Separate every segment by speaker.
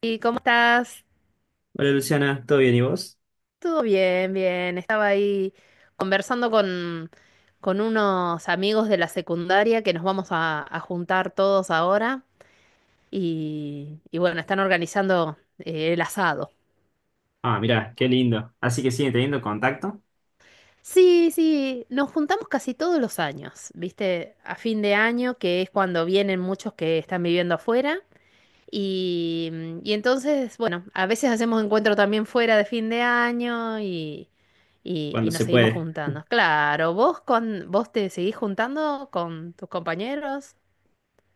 Speaker 1: ¿Y cómo estás?
Speaker 2: Hola Luciana, ¿todo bien y vos?
Speaker 1: Todo bien, bien. Estaba ahí conversando con unos amigos de la secundaria que nos vamos a juntar todos ahora y bueno, están organizando el asado.
Speaker 2: Ah, mirá, qué lindo. Así que siguen teniendo contacto
Speaker 1: Sí, sí, nos juntamos casi todos los años, ¿viste? A fin de año, que es cuando vienen muchos que están viviendo afuera. Y entonces, bueno, a veces hacemos encuentro también fuera de fin de año y, y
Speaker 2: cuando
Speaker 1: nos
Speaker 2: se
Speaker 1: seguimos
Speaker 2: puede.
Speaker 1: juntando. Claro, vos te seguís juntando con tus compañeros.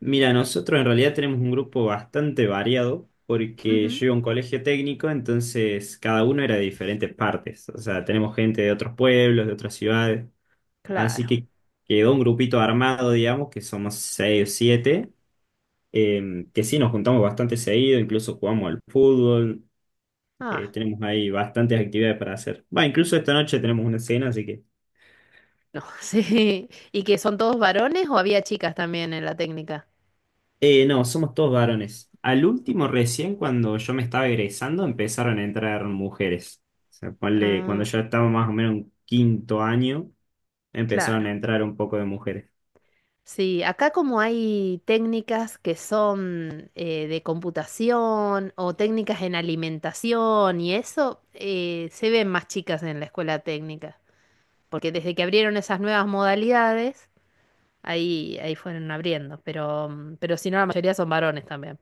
Speaker 2: Mira, nosotros en realidad tenemos un grupo bastante variado porque
Speaker 1: Ujú,
Speaker 2: yo iba a un colegio técnico, entonces cada uno era de diferentes partes. O sea, tenemos gente de otros pueblos, de otras ciudades. Así
Speaker 1: claro.
Speaker 2: que quedó un grupito armado, digamos, que somos seis o siete, que sí nos juntamos bastante seguido, incluso jugamos al fútbol,
Speaker 1: Ah,
Speaker 2: tenemos ahí bastantes actividades para hacer. Va, incluso esta noche tenemos una cena, así que...
Speaker 1: no, sí. ¿Y que son todos varones o había chicas también en la técnica?
Speaker 2: No, somos todos varones. Al último, recién cuando yo me estaba egresando, empezaron a entrar mujeres. O sea, cuando
Speaker 1: Ah,
Speaker 2: yo estaba más o menos en quinto año, empezaron a
Speaker 1: claro.
Speaker 2: entrar un poco de mujeres.
Speaker 1: Sí, acá como hay técnicas que son de computación o técnicas en alimentación y eso, se ven más chicas en la escuela técnica, porque desde que abrieron esas nuevas modalidades, ahí fueron abriendo, pero, pero si no, la mayoría son varones también.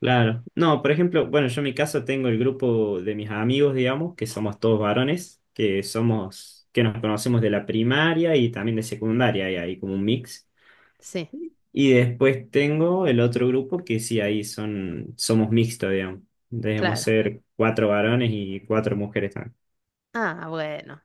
Speaker 2: Claro. No, por ejemplo, bueno, yo en mi caso tengo el grupo de mis amigos, digamos, que somos todos varones, que nos conocemos de la primaria y también de secundaria, y hay como un mix.
Speaker 1: Sí,
Speaker 2: Y después tengo el otro grupo que sí, somos mixtos, digamos. Debemos
Speaker 1: claro.
Speaker 2: ser cuatro varones y cuatro mujeres también.
Speaker 1: Ah, bueno.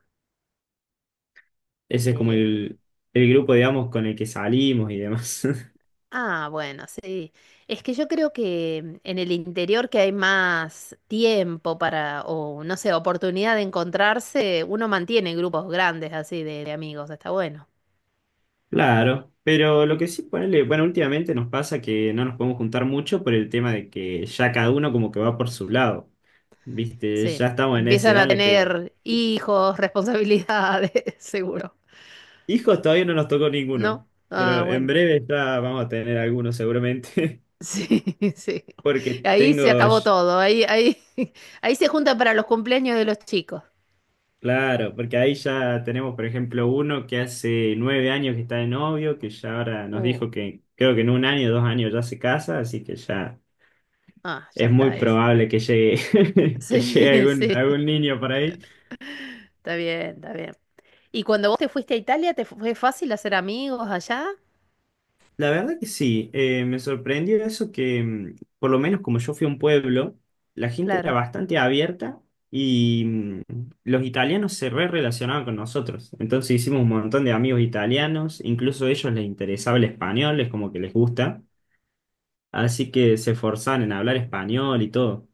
Speaker 2: Ese es como
Speaker 1: eh,
Speaker 2: el grupo, digamos, con el que salimos y demás.
Speaker 1: Ah, bueno, sí. Es que yo creo que en el interior que hay más tiempo para, o no sé, oportunidad de encontrarse, uno mantiene grupos grandes así de amigos, está bueno.
Speaker 2: Claro, pero lo que sí, ponele, bueno, últimamente nos pasa que no nos podemos juntar mucho por el tema de que ya cada uno como que va por su lado. Viste,
Speaker 1: Sí.
Speaker 2: ya estamos en esa
Speaker 1: Empiezan
Speaker 2: edad
Speaker 1: a
Speaker 2: en la que
Speaker 1: tener hijos, responsabilidades, seguro.
Speaker 2: hijos todavía no nos tocó ninguno,
Speaker 1: ¿No? Ah,
Speaker 2: pero en
Speaker 1: bueno.
Speaker 2: breve ya vamos a tener algunos seguramente,
Speaker 1: Sí, sí.
Speaker 2: porque
Speaker 1: Ahí se
Speaker 2: tengo.
Speaker 1: acabó todo. Ahí se juntan para los cumpleaños de los chicos.
Speaker 2: Claro, porque ahí ya tenemos, por ejemplo, uno que hace 9 años que está de novio, que ya ahora nos
Speaker 1: Uh,
Speaker 2: dijo que creo que en 1 año, 2 años ya se casa, así que ya
Speaker 1: ah, ya
Speaker 2: es muy
Speaker 1: está ese.
Speaker 2: probable que llegue, que llegue
Speaker 1: Sí,
Speaker 2: algún,
Speaker 1: sí.
Speaker 2: algún niño por ahí.
Speaker 1: Está bien, está bien. Y cuando vos te fuiste a Italia, ¿te fue fácil hacer amigos allá?
Speaker 2: La verdad que sí, me sorprendió eso que, por lo menos como yo fui a un pueblo, la gente era
Speaker 1: Claro,
Speaker 2: bastante abierta y los italianos se re relacionaban con nosotros. Entonces hicimos un montón de amigos italianos, incluso a ellos les interesaba el español, es como que les gusta. Así que se esforzaban en hablar español y todo.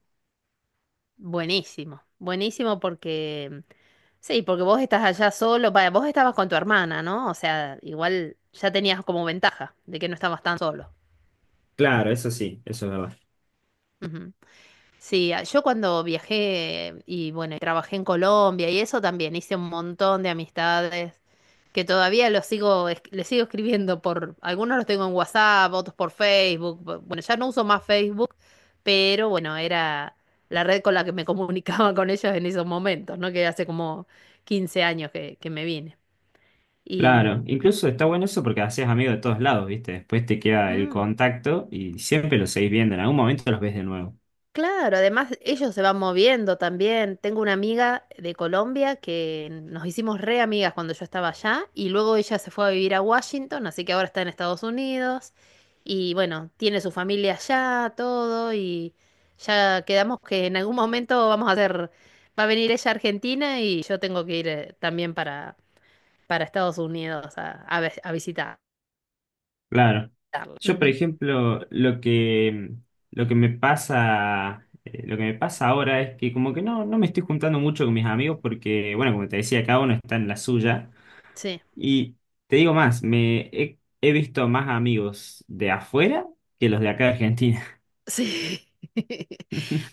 Speaker 1: buenísimo, buenísimo porque, sí, porque vos estás allá solo, vaya, vos estabas con tu hermana, ¿no? O sea, igual ya tenías como ventaja de que no estabas tan solo.
Speaker 2: Claro, eso sí, eso es verdad.
Speaker 1: Ujú. Sí, yo cuando viajé y bueno, y trabajé en Colombia y eso también hice un montón de amistades que todavía los sigo, es- les sigo escribiendo por, algunos los tengo en WhatsApp, otros por Facebook. Bueno, ya no uso más Facebook, pero bueno, era la red con la que me comunicaba con ellos en esos momentos, ¿no? Que hace como 15 años que me vine.
Speaker 2: Claro,
Speaker 1: Y,
Speaker 2: incluso está bueno eso porque haces amigos de todos lados, ¿viste? Después te queda el
Speaker 1: mm,
Speaker 2: contacto y siempre los seguís viendo, en algún momento los ves de nuevo.
Speaker 1: Claro, además ellos se van moviendo también. Tengo una amiga de Colombia que nos hicimos re amigas cuando yo estaba allá y luego ella se fue a vivir a Washington, así que ahora está en Estados Unidos y bueno, tiene su familia allá, todo y ya quedamos que en algún momento vamos a hacer, va a venir ella a Argentina y yo tengo que ir también para, Estados Unidos a visitarla.
Speaker 2: Claro. Yo, por
Speaker 1: Ujú,
Speaker 2: ejemplo, lo que me pasa ahora es que como que no, no me estoy juntando mucho con mis amigos porque, bueno, como te decía, cada uno está en la suya.
Speaker 1: sí.
Speaker 2: Y te digo más, me he visto más amigos de afuera que los de acá de Argentina.
Speaker 1: Sí.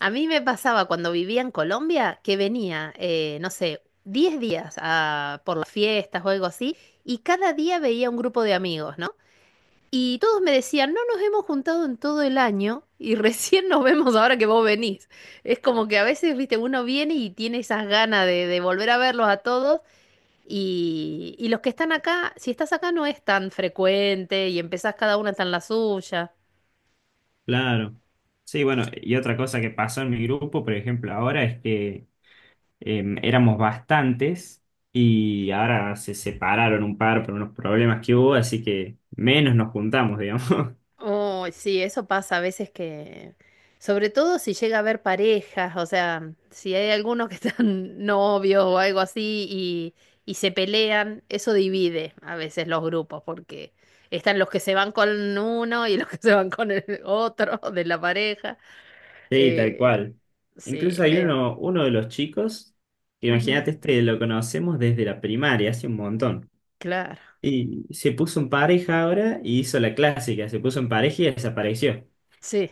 Speaker 1: A mí me pasaba cuando vivía en Colombia que venía, no sé, 10 días por las fiestas o algo así, y cada día veía un grupo de amigos, ¿no? Y todos me decían, no nos hemos juntado en todo el año y recién nos vemos ahora que vos venís. Es como que a veces, viste, uno viene y tiene esas ganas de volver a verlos a todos. Y los que están acá, si estás acá no es tan frecuente y empezás cada una está en la suya.
Speaker 2: Claro. Sí, bueno, y otra cosa que pasó en mi grupo, por ejemplo, ahora es que éramos bastantes y ahora se separaron un par por unos problemas que hubo, así que menos nos juntamos, digamos.
Speaker 1: Oh, sí, eso pasa a veces que, sobre todo si llega a haber parejas, o sea, si hay algunos que están novios o algo así y se pelean, eso divide a veces los grupos, porque están los que se van con uno y los que se van con el otro de la pareja.
Speaker 2: Sí, tal
Speaker 1: Eh,
Speaker 2: cual.
Speaker 1: sí,
Speaker 2: Incluso hay
Speaker 1: medio.
Speaker 2: uno, de los chicos,
Speaker 1: Ujú,
Speaker 2: imagínate, este lo conocemos desde la primaria, hace un montón.
Speaker 1: claro,
Speaker 2: Y se puso en pareja ahora y hizo la clásica, se puso en pareja y desapareció.
Speaker 1: sí.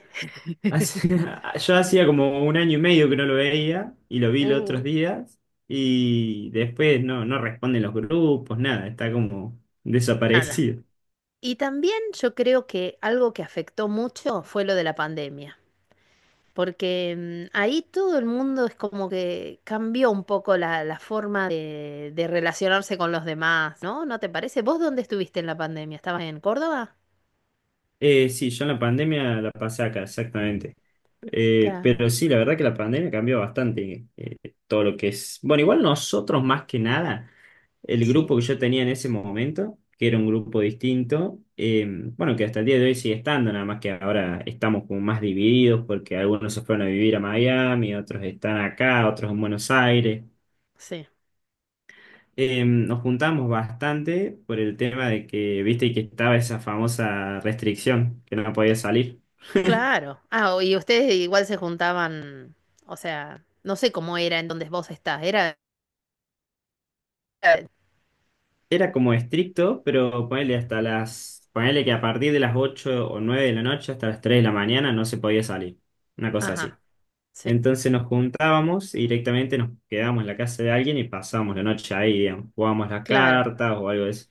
Speaker 2: Hace- yo hacía como 1 año y medio que no lo veía y lo vi los
Speaker 1: Uh,
Speaker 2: otros días y después no, no responden los grupos, nada, está como
Speaker 1: Nada.
Speaker 2: desaparecido.
Speaker 1: Y también yo creo que algo que afectó mucho fue lo de la pandemia. Porque ahí todo el mundo es como que cambió un poco la, la forma de relacionarse con los demás, ¿no? ¿No te parece? ¿Vos dónde estuviste en la pandemia? ¿Estabas en Córdoba?
Speaker 2: Sí, yo en la pandemia la pasé acá, exactamente. Pero
Speaker 1: Claro,
Speaker 2: sí, la verdad que la pandemia cambió bastante todo lo que es. Bueno, igual nosotros más que nada, el
Speaker 1: sí,
Speaker 2: grupo que yo tenía en ese momento, que era un grupo distinto, bueno, que hasta el día de hoy sigue estando, nada más que ahora estamos como más divididos porque algunos se fueron a vivir a Miami, otros están acá, otros en Buenos Aires.
Speaker 1: sí,
Speaker 2: Nos juntamos bastante por el tema de que, viste, que estaba esa famosa restricción, que no podía salir.
Speaker 1: claro. Ah, y ustedes igual se juntaban, o sea, no sé cómo era en donde vos estás, era... eh,
Speaker 2: Era como estricto, pero ponele hasta las, ponele que a partir de las 8 o 9 de la noche hasta las 3 de la mañana no se podía salir, una cosa
Speaker 1: Ajá,
Speaker 2: así.
Speaker 1: sí,
Speaker 2: Entonces nos juntábamos y directamente nos quedábamos en la casa de alguien y pasábamos la noche ahí, digamos, jugábamos las
Speaker 1: claro.
Speaker 2: cartas o algo de eso.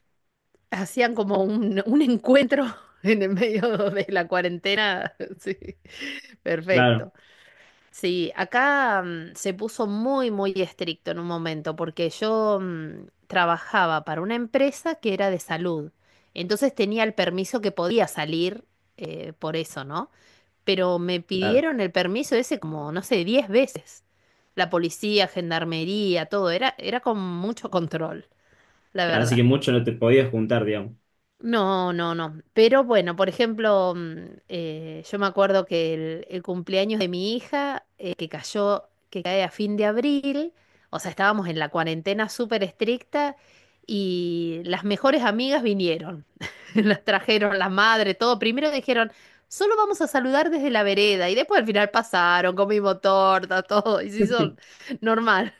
Speaker 1: Hacían como un, encuentro en el medio de la cuarentena, sí,
Speaker 2: Claro,
Speaker 1: perfecto. Sí, acá se puso muy, muy estricto en un momento, porque yo trabajaba para una empresa que era de salud. Entonces tenía el permiso que podía salir por eso, ¿no? Pero me
Speaker 2: claro.
Speaker 1: pidieron el permiso ese como, no sé, 10 veces. La policía, gendarmería, todo, era con mucho control, la
Speaker 2: Así
Speaker 1: verdad.
Speaker 2: que mucho no te podías juntar, digamos.
Speaker 1: No, no, no. Pero bueno, por ejemplo, yo me acuerdo que el cumpleaños de mi hija, que cayó, que cae a fin de abril, o sea, estábamos en la cuarentena súper estricta y las mejores amigas vinieron. Las trajeron, la madre, todo. Primero dijeron, solo vamos a saludar desde la vereda y después al final pasaron, comimos torta, todo, y se hizo normal.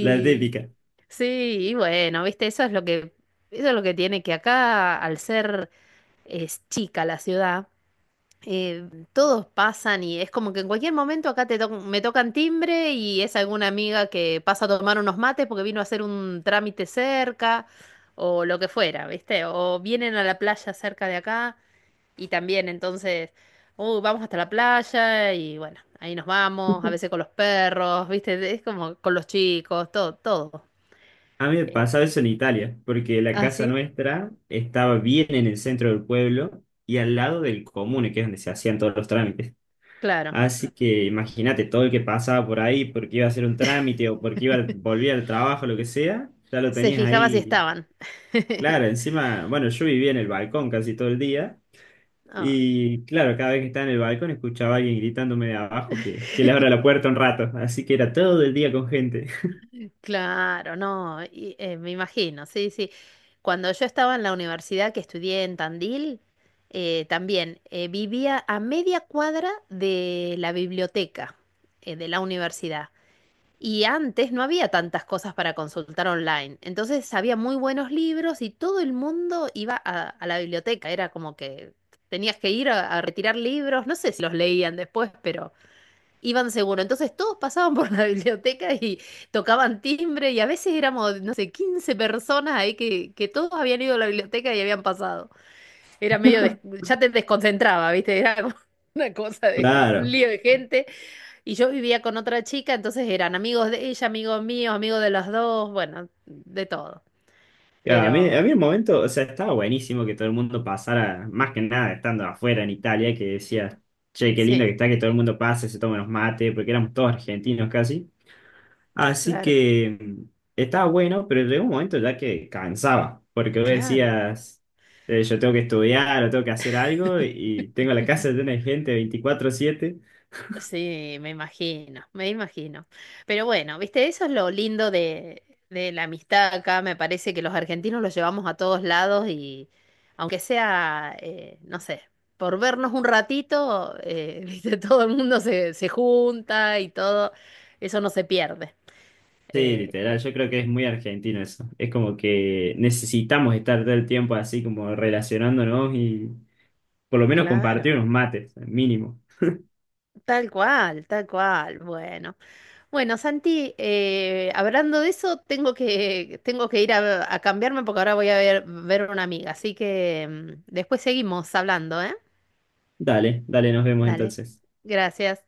Speaker 2: La típica.
Speaker 1: sí, y bueno, viste, eso es lo que tiene que acá, al ser es chica la ciudad, todos pasan y es como que en cualquier momento acá me tocan timbre y es alguna amiga que pasa a tomar unos mates porque vino a hacer un trámite cerca o lo que fuera, viste, o vienen a la playa cerca de acá y también entonces, " vamos hasta la playa y bueno, ahí nos vamos, a veces con los perros, viste, es como con los chicos, todo, todo.
Speaker 2: A mí me
Speaker 1: Eh,
Speaker 2: pasaba eso en Italia, porque la
Speaker 1: ah,
Speaker 2: casa
Speaker 1: sí,
Speaker 2: nuestra estaba bien en el centro del pueblo y al lado del comune, que es donde se hacían todos los trámites.
Speaker 1: claro.
Speaker 2: Así que imagínate todo el que pasaba por ahí porque iba a hacer un trámite o porque volvía al trabajo, lo que sea, ya lo
Speaker 1: Se
Speaker 2: tenías
Speaker 1: fijaba si
Speaker 2: ahí.
Speaker 1: estaban.
Speaker 2: Claro, encima, bueno, yo vivía en el balcón casi todo el día
Speaker 1: Ah,
Speaker 2: y claro, cada vez que estaba en el balcón escuchaba a alguien gritándome de abajo que le abra la puerta un rato, así que era todo el día con gente.
Speaker 1: claro, no, y, me imagino, sí, sí. Cuando yo estaba en la universidad que estudié en Tandil, también vivía a media cuadra de la biblioteca de la universidad. Y antes no había tantas cosas para consultar online. Entonces había muy buenos libros y todo el mundo iba a la biblioteca. Era como que tenías que ir a retirar libros. No sé si los leían después, pero iban seguro. Entonces todos pasaban por la biblioteca y tocaban timbre y a veces éramos, no sé, 15 personas ahí que todos habían ido a la biblioteca y habían pasado. Era medio, ya te desconcentraba, ¿viste? Era como una cosa de un
Speaker 2: Claro.
Speaker 1: lío de gente. Y yo vivía con otra chica, entonces eran amigos de ella, amigos míos, amigos de los dos, bueno, de todo.
Speaker 2: Claro. A mí, a
Speaker 1: Pero
Speaker 2: mí el momento, o sea, estaba buenísimo que todo el mundo pasara, más que nada estando afuera en Italia, que decía, che, qué lindo
Speaker 1: sí,
Speaker 2: que está que todo el mundo pase, se toma unos mates, porque éramos todos argentinos casi. Así
Speaker 1: claro,
Speaker 2: que estaba bueno, pero llegó un momento ya que cansaba, porque vos
Speaker 1: claro.
Speaker 2: decías, yo tengo que estudiar o tengo que hacer algo y tengo la casa llena de gente 24/7.
Speaker 1: Sí, me imagino, me imagino. Pero bueno, viste, eso es lo lindo de, la amistad acá. Me parece que los argentinos los llevamos a todos lados y aunque sea, no sé, por vernos un ratito, viste, todo el mundo se junta y todo, eso no se pierde.
Speaker 2: Sí,
Speaker 1: Eh,
Speaker 2: literal, yo creo que es muy argentino eso. Es como que necesitamos estar todo el tiempo así como relacionándonos y por lo menos compartir
Speaker 1: claro,
Speaker 2: unos mates, mínimo.
Speaker 1: tal cual, tal cual. Bueno. Bueno, Santi, hablando de eso, tengo que ir a cambiarme porque ahora voy a ver a una amiga. Así que después seguimos hablando, ¿eh?
Speaker 2: Dale, dale, nos vemos
Speaker 1: Dale.
Speaker 2: entonces.
Speaker 1: Gracias.